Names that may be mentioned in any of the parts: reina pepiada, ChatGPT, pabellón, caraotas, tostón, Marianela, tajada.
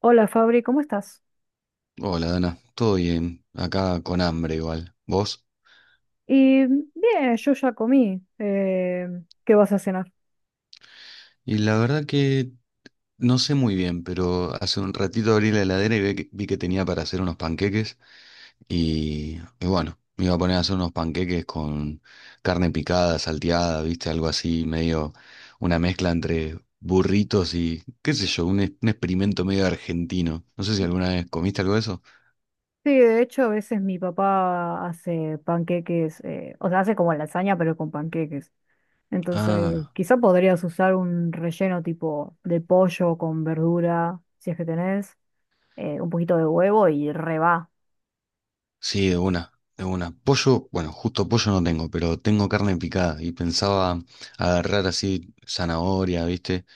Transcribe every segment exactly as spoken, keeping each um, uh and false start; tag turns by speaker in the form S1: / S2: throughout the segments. S1: Hola Fabri, ¿cómo estás?
S2: Hola, Dana. Todo bien. Acá con hambre igual. ¿Vos?
S1: Y bien, yo ya comí. Eh, ¿qué vas a cenar?
S2: Y la verdad que no sé muy bien, pero hace un ratito abrí la heladera y ve que- vi que tenía para hacer unos panqueques. Y, y bueno, me iba a poner a hacer unos panqueques con carne picada, salteada, ¿viste? Algo así, medio una mezcla entre burritos y, qué sé yo, un, ex- un experimento medio argentino. No sé si alguna vez comiste algo de eso.
S1: Sí, de hecho a veces mi papá hace panqueques, eh, o sea, hace como lasaña pero con panqueques. Entonces,
S2: Ah.
S1: quizá podrías usar un relleno tipo de pollo con verdura, si es que tenés, eh, un poquito de huevo y reba.
S2: Sí, de una, de una. Pollo, bueno, justo pollo no tengo, pero tengo carne picada y pensaba agarrar así zanahoria, ¿viste?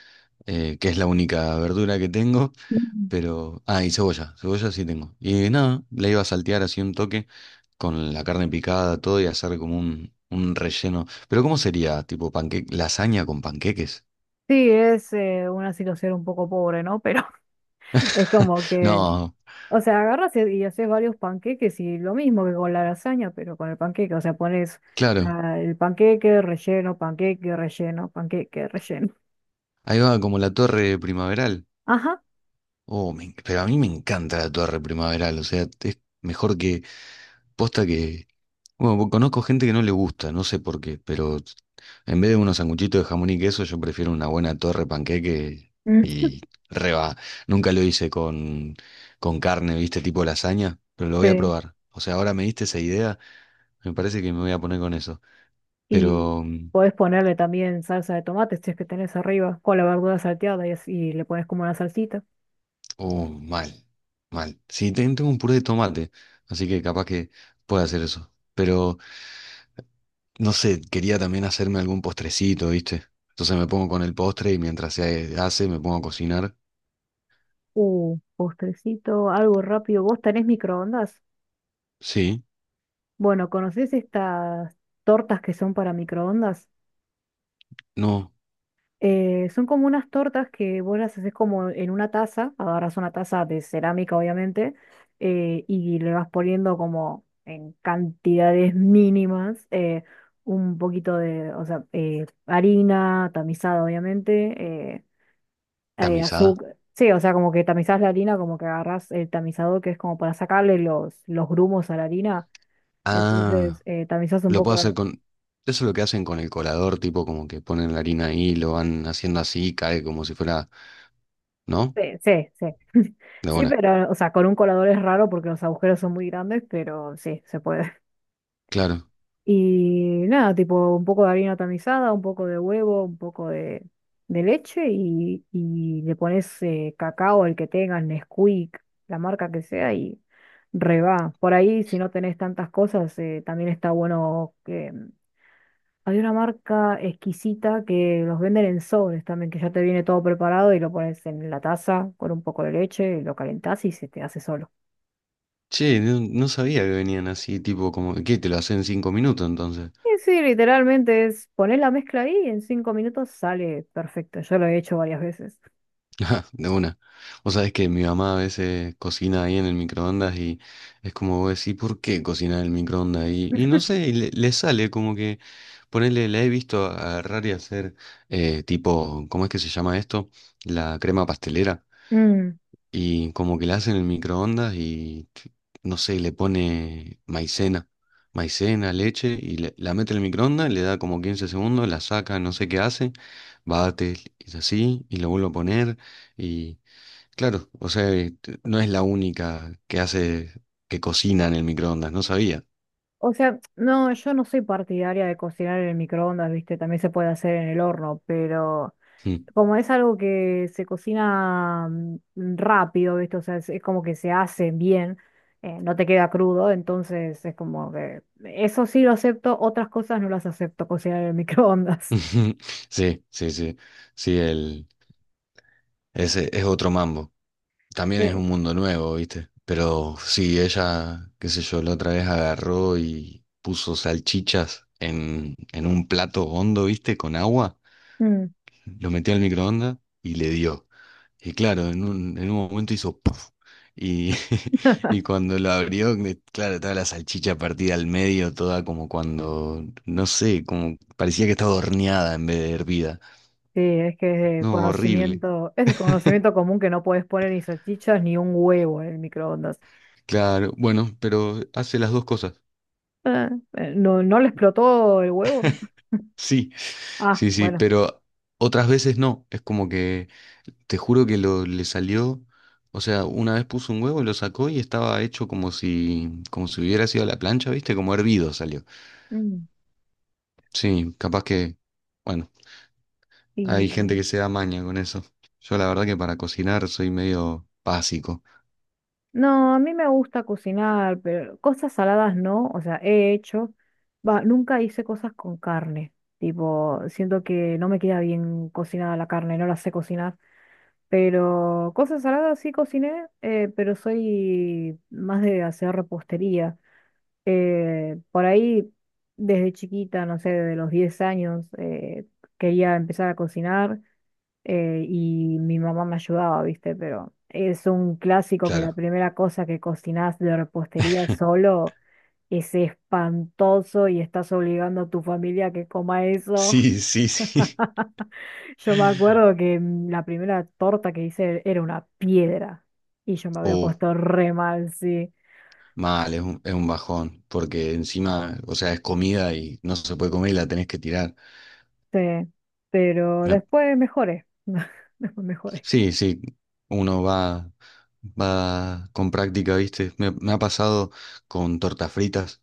S2: Eh, que es la única verdura que tengo, pero... Ah, y cebolla, cebolla sí tengo. Y nada, la iba a saltear así un toque con la carne picada, todo y hacer como un, un relleno. Pero ¿cómo sería? Tipo panque... lasaña con panqueques.
S1: Sí, es, eh, una situación un poco pobre, ¿no? Pero es como que.
S2: No,
S1: O sea, agarras y y haces varios panqueques y lo mismo que con la lasaña, pero con el panqueque. O sea, pones
S2: claro,
S1: la- el panqueque, relleno, panqueque, relleno, panqueque, relleno.
S2: ahí va como la torre primaveral.
S1: Ajá.
S2: Oh, me en- pero a mí me encanta la torre primaveral, o sea, es mejor. Posta que, bueno, po- conozco gente que no le gusta, no sé por qué, pero en vez de unos sanguchitos de jamón y queso, yo prefiero una buena torre panqueque
S1: Mm.
S2: y reba. Nunca lo hice con, con carne, viste, tipo lasaña, pero lo voy a
S1: Sí.
S2: probar. O sea, ahora me diste esa idea, me parece que me voy a poner con eso.
S1: Y
S2: Pero, mm,
S1: podés ponerle también salsa de tomate, si es que tenés arriba, con la verdura salteada y así y le pones como una salsita.
S2: uh, mal, mal. Sí, ten- tengo un puré de tomate, así que capaz que pueda hacer eso. Pero no sé, quería también hacerme algún postrecito, ¿viste? Entonces me pongo con el postre y mientras se hace me pongo a cocinar.
S1: Uh, postrecito, algo rápido. ¿Vos tenés microondas?
S2: Sí,
S1: Bueno, ¿conocés estas tortas que son para microondas?
S2: no,
S1: Eh, son como unas tortas que vos las haces como en una taza, agarras una taza de cerámica, obviamente, eh, y le vas poniendo como en cantidades mínimas, eh, un poquito de, o sea, eh, harina tamizada, obviamente, eh, eh,
S2: tamizada.
S1: azúcar, sí, o sea, como que tamizás la harina, como que agarrás el tamizador, que es como para sacarle los, los grumos a la harina, entonces
S2: Ah,
S1: eh, tamizás un
S2: lo puedo
S1: poco.
S2: hacer con... Eso es lo que hacen con el colador, tipo como que ponen la harina ahí, lo van haciendo así, cae como si fuera... ¿No?
S1: Sí, sí, sí.
S2: De
S1: Sí,
S2: buena.
S1: pero, o sea, con un colador es raro porque los agujeros son muy grandes, pero sí, se puede.
S2: Claro.
S1: Y nada, tipo un poco de harina tamizada, un poco de huevo, un poco de, de leche y, y le pones, eh, cacao, el que tengas, Nesquik, la marca que sea, y reba. Por ahí, si no tenés tantas cosas, eh, también está bueno. Había una marca exquisita que los venden en sobres también, que ya te viene todo preparado y lo pones en la taza con un poco de leche, y lo calentás y se te hace solo.
S2: Che, no, no sabía que venían así, tipo como... ¿Qué? ¿Te lo hacen en cinco minutos entonces?
S1: Y sí, literalmente es poner la mezcla ahí y en cinco minutos sale perfecto. Yo lo he hecho varias veces.
S2: De una. O sabes que mi mamá a veces cocina ahí en el microondas y es como vos decís, ¿por qué cocina en el microondas? Y, y no sé, y le, le sale como que, ponele, la he visto agarrar y hacer eh, tipo, ¿cómo es que se llama esto? La crema pastelera.
S1: Mm.
S2: Y como que la hace en el microondas y, t- no sé, le pone maicena, maicena, leche y le- la mete en el microondas, le da como quince segundos, la saca, no sé qué hace, bate y así, y lo vuelve a poner. Claro, o sea, eh, t- no es la única que hace que cocina en el microondas, no sabía.
S1: O sea, no, yo no soy partidaria de cocinar en el microondas, ¿viste? También se puede hacer en el horno, pero
S2: Mm.
S1: como es algo que se cocina, mm, rápido, ¿viste? O sea, es, es como que se hace bien, eh, no te queda crudo, entonces es como que eso sí lo acepto, otras cosas no las acepto cocinar en el microondas.
S2: Sí, sí, sí, sí, el, ese es otro mambo. También es
S1: Sí.
S2: un mundo nuevo, ¿viste? Pero sí, ella, qué sé yo, la otra vez agarró y puso salchichas en, en un plato hondo, ¿viste? Con agua,
S1: Mm.
S2: lo metió al microondas y le dio. Y claro, en un, en un momento hizo puff. Y, y cuando lo abrió, eh, claro, estaba la salchicha partida al medio, toda como cuando, no sé, como parecía que estaba horneada en vez de hervida.
S1: Sí, es que es de
S2: No, horrible.
S1: conocimiento, es de conocimiento común que no puedes poner ni salchichas ni un huevo en el microondas.
S2: Claro, bueno, pero hace las dos cosas.
S1: Ah, eh, ¿no, no le explotó el huevo?
S2: Sí,
S1: Ah,
S2: sí, sí,
S1: bueno.
S2: pero otras veces no. Es como que, te juro que lo, le salió, o sea, una vez puso un huevo y lo sacó y estaba hecho como si, como si hubiera sido a la plancha, ¿viste? Como hervido salió.
S1: Mm.
S2: Sí, capaz que... Bueno.
S1: Y
S2: Hay gente que se da maña con eso. Yo la verdad que para cocinar soy medio básico.
S1: no, a mí me gusta cocinar, pero cosas saladas no, o sea, he hecho, va, nunca hice cosas con carne, tipo, siento que no me queda bien cocinada la carne, no la sé cocinar, pero cosas saladas sí cociné, eh, pero soy más de hacer repostería. Eh, por ahí, desde chiquita, no sé, de los diez años, eh, quería empezar a cocinar. Eh, y mi mamá me ayudaba, ¿viste? Pero es un clásico que la
S2: Claro.
S1: primera cosa que cocinás de repostería solo es espantoso y estás obligando a tu familia a que coma eso.
S2: Sí, sí, sí.
S1: Yo me acuerdo que, mm, la primera torta que hice era una piedra y yo me había
S2: Uh,
S1: puesto re mal, sí,
S2: Mal, es un, es un bajón, porque encima, o sea, es comida y no se puede comer y la tenés que tirar.
S1: sí, pero
S2: Me-
S1: después mejoré, después mejoré.
S2: sí, sí, uno va, va, con práctica, ¿viste? Me, me ha pasado con tortas fritas.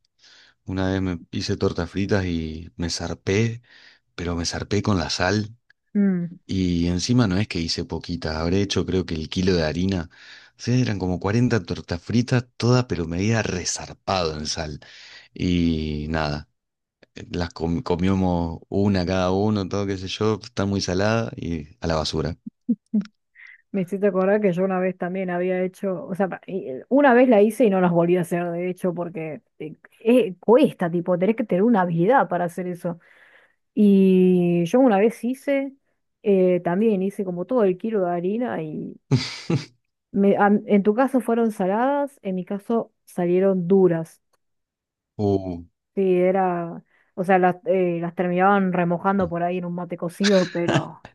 S2: Una vez me hice tortas fritas y me zarpé, pero me zarpé con la sal.
S1: Mm.
S2: Y encima no es que hice poquita, habré hecho creo que el kilo de harina. O sea, eran como cuarenta tortas fritas, todas pero medida resarpado en sal. Y nada, las com- comíamos una cada uno, todo qué sé yo, está muy salada y a la basura.
S1: Me hiciste acordar que yo una vez también había hecho, o sea, pa- y- eh, una vez la hice y no las volví a hacer, de hecho, porque eh, eh, cuesta, tipo, tenés que tener una habilidad para hacer eso. Y yo una vez hice, eh, también hice como todo el kilo de harina y, me- a- en tu caso fueron saladas, en mi caso salieron duras.
S2: Uh.
S1: Sí, era, o sea, las, eh, las terminaban remojando por ahí en un mate cocido, pero,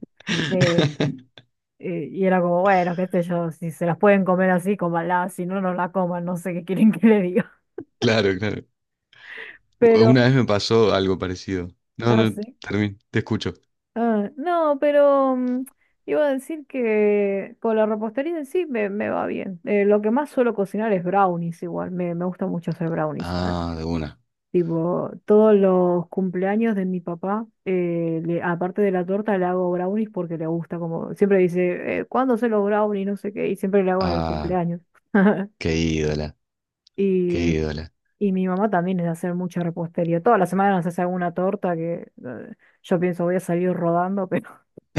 S1: eh, Eh, y era como, bueno, qué sé yo, si se las pueden comer así, cómanlas, si no, no la coman, no sé qué quieren que le diga.
S2: Claro, claro.
S1: Pero,
S2: Una vez me pasó algo parecido. No,
S1: ah,
S2: no,
S1: sí.
S2: termino, te escucho.
S1: Ah, no, pero, mm, iba a decir que con la repostería en sí, me, me va bien. Eh, lo que más suelo cocinar es brownies, igual me, me gusta mucho hacer brownies. Ah,
S2: Ah, de una.
S1: tipo, todos los cumpleaños de mi papá, eh, le- aparte de la torta, le hago brownies porque le gusta, como siempre dice, eh, ¿cuándo se los brownies? No sé qué, y siempre le hago en el
S2: Ah,
S1: cumpleaños.
S2: qué ídola, qué
S1: Y
S2: ídola.
S1: Y mi mamá también es de hacer mucha repostería. Toda la semana nos hace alguna torta que, eh, yo pienso, voy a salir rodando, pero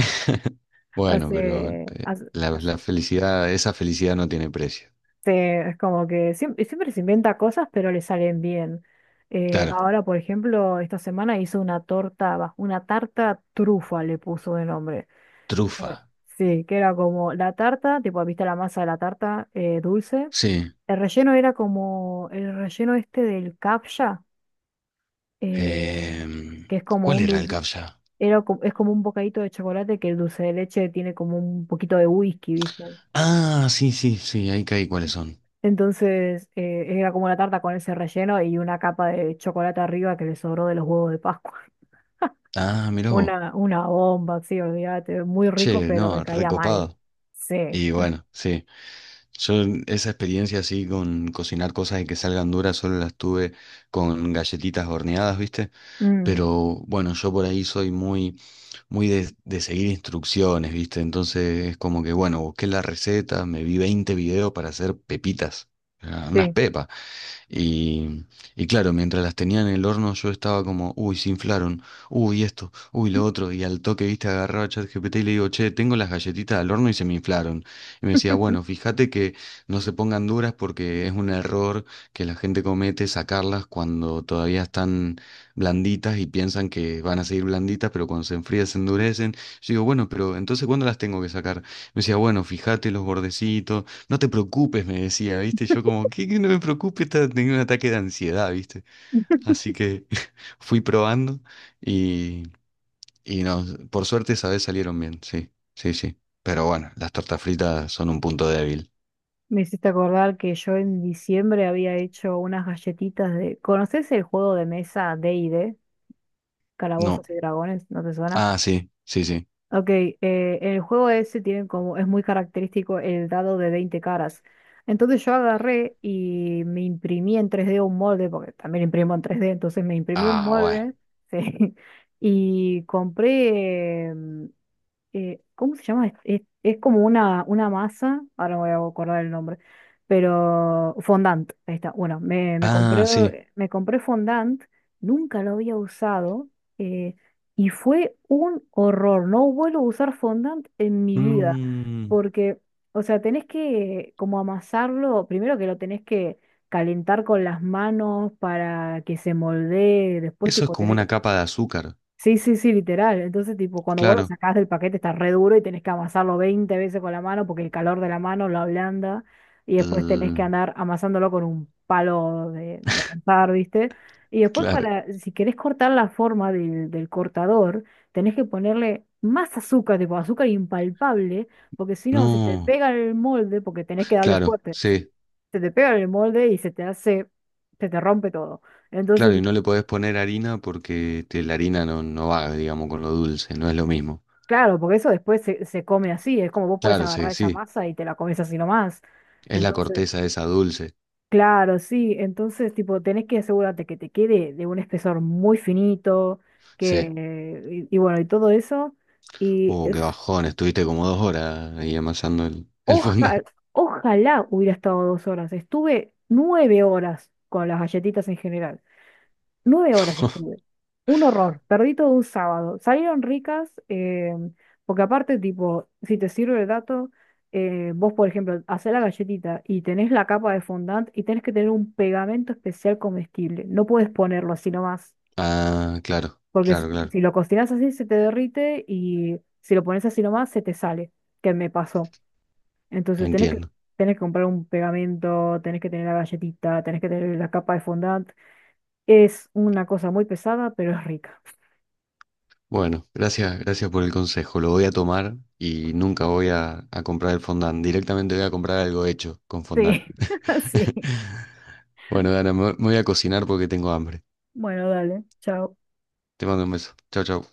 S2: Bueno, pero
S1: hace,
S2: eh,
S1: hace-
S2: la, la
S1: hace-
S2: felicidad, esa felicidad no tiene precio.
S1: se- es como que siempre, siempre se inventa cosas, pero le salen bien. Eh,
S2: Claro,
S1: ahora, por ejemplo, esta semana hizo una torta, va, una tarta trufa le puso de nombre. Era-
S2: trufa.
S1: Sí, que era como la tarta, tipo, viste la masa de la tarta, eh, dulce.
S2: Sí.
S1: El relleno era como el relleno este del capcha, eh, que
S2: Em,
S1: es como
S2: ¿cuál
S1: un
S2: era el
S1: dulce.
S2: captcha?
S1: Era co- es como un bocadito de chocolate que el dulce de leche tiene como un poquito de whisky, ¿viste?
S2: Ah, sí, sí, sí, ahí caí cuáles son.
S1: Entonces, eh, era como una tarta con ese relleno y una capa de chocolate arriba que le sobró de los huevos de Pascua.
S2: Ah, mirá vos.
S1: Una, una bomba, sí, olvídate, muy rico,
S2: Che,
S1: pero me
S2: no,
S1: caía mal.
S2: recopado.
S1: Sí,
S2: Y
S1: sí.
S2: bueno, sí. Yo esa experiencia así con cocinar cosas y que salgan duras solo las tuve con galletitas horneadas, ¿viste?
S1: Mm,
S2: Pero bueno, yo por ahí soy muy, muy de, de seguir instrucciones, ¿viste? Entonces es como que, bueno, busqué la receta, me vi veinte videos para hacer pepitas, ah, unas
S1: sí.
S2: pepas. Y, y claro, mientras las tenía en el horno yo estaba como, uy, se inflaron, uy, esto, uy, lo otro. Y al toque, viste, agarraba a ChatGPT y le digo, che, tengo las galletitas al horno y se me inflaron. Y me decía, bueno, fíjate que no se pongan duras porque es un error que la gente comete sacarlas cuando todavía están blanditas y piensan que van a seguir blanditas, pero cuando se enfrían se endurecen. Yo digo, bueno, pero entonces ¿cuándo las tengo que sacar? Me decía, bueno, fíjate los bordecitos. No te preocupes, me decía, ¿viste? Yo como, ¿qué, que no me preocupe? Estaba teniendo un ataque de ansiedad, ¿viste? Así que fui probando y, y no, por suerte esa vez salieron bien, sí, sí, sí. Pero bueno, las tortas fritas son un punto débil.
S1: Me hiciste acordar que yo en diciembre había hecho unas galletitas de, ¿conoces el juego de mesa d y d,
S2: No.
S1: Calabozos y Dragones? ¿No te suena?
S2: Ah, sí, sí, sí.
S1: Ok, eh, el juego ese tiene como, es muy característico el dado de veinte caras. Entonces yo agarré y me imprimí en tres d un molde, porque también imprimo en tres d, entonces me imprimí un
S2: Ah, bueno.
S1: molde, sí, y compré, em, eh, ¿cómo se llama? Es, es- es como una, una masa, ahora me voy a acordar el nombre, pero fondant, ahí está. Bueno, me, me
S2: Ah, sí.
S1: compré, me compré fondant, nunca lo había usado, eh, y fue un horror. No vuelvo a usar fondant en mi vida,
S2: Mm,
S1: porque, o sea, tenés que como amasarlo, primero que lo tenés que calentar con las manos para que se moldee, después
S2: Eso es
S1: tipo
S2: como
S1: tener.
S2: una capa de azúcar,
S1: Sí, sí, sí, literal. Entonces, tipo, cuando vos lo
S2: claro.
S1: sacás del paquete está re duro y tenés que amasarlo veinte veces con la mano porque el calor de la mano lo ablanda y después tenés que
S2: Mm,
S1: andar amasándolo con un palo de, de amasar, ¿viste? Y después
S2: claro.
S1: para, si querés cortar la forma del, del cortador, tenés que ponerle más azúcar, tipo azúcar impalpable, porque si no se te
S2: No,
S1: pega el molde porque tenés que darle
S2: claro,
S1: fuerte. Se,
S2: sí.
S1: se te pega el molde y se te hace, se te rompe todo. Entonces,
S2: Claro, y no le podés poner harina porque te- la harina no, no va, digamos, con lo dulce, no es lo mismo.
S1: claro, porque eso después se, se come así, es como vos puedes
S2: Claro, sí,
S1: agarrar esa
S2: sí,
S1: masa y te la comes así nomás.
S2: es la
S1: Entonces,
S2: corteza esa dulce.
S1: claro, sí, entonces tipo tenés que asegurarte que te quede de un espesor muy finito,
S2: Sí.
S1: que, eh, y, y bueno, y todo eso. Y
S2: Uh,
S1: eh,
S2: qué bajón, estuviste como dos horas ahí amasando el, el fondant.
S1: oja- Ojalá hubiera estado dos horas. Estuve nueve horas con las galletitas en general. Nueve horas estuve. Un horror. Perdí todo un sábado. Salieron ricas, eh, porque aparte, tipo, si te sirve el dato, eh, vos, por ejemplo, hacés la galletita y tenés la capa de fondant y tenés que tener un pegamento especial comestible. No puedes ponerlo así nomás,
S2: Ah, claro,
S1: porque si
S2: claro, claro,
S1: si lo cocinás así se te derrite, y si lo pones así nomás se te sale, que me pasó. Entonces tenés que,
S2: entiendo.
S1: tenés que comprar un pegamento, tenés que tener la galletita, tenés que tener la capa de fondant. Es una cosa muy pesada, pero es rica.
S2: Bueno, gracias, gracias por el consejo, lo voy a tomar y nunca voy a, a comprar el fondant, directamente voy a comprar algo hecho con
S1: Sí,
S2: fondant.
S1: sí.
S2: Bueno, Dana, me me voy a cocinar porque tengo hambre.
S1: Bueno, dale, chao.
S2: Te mando un beso. Chau, chau.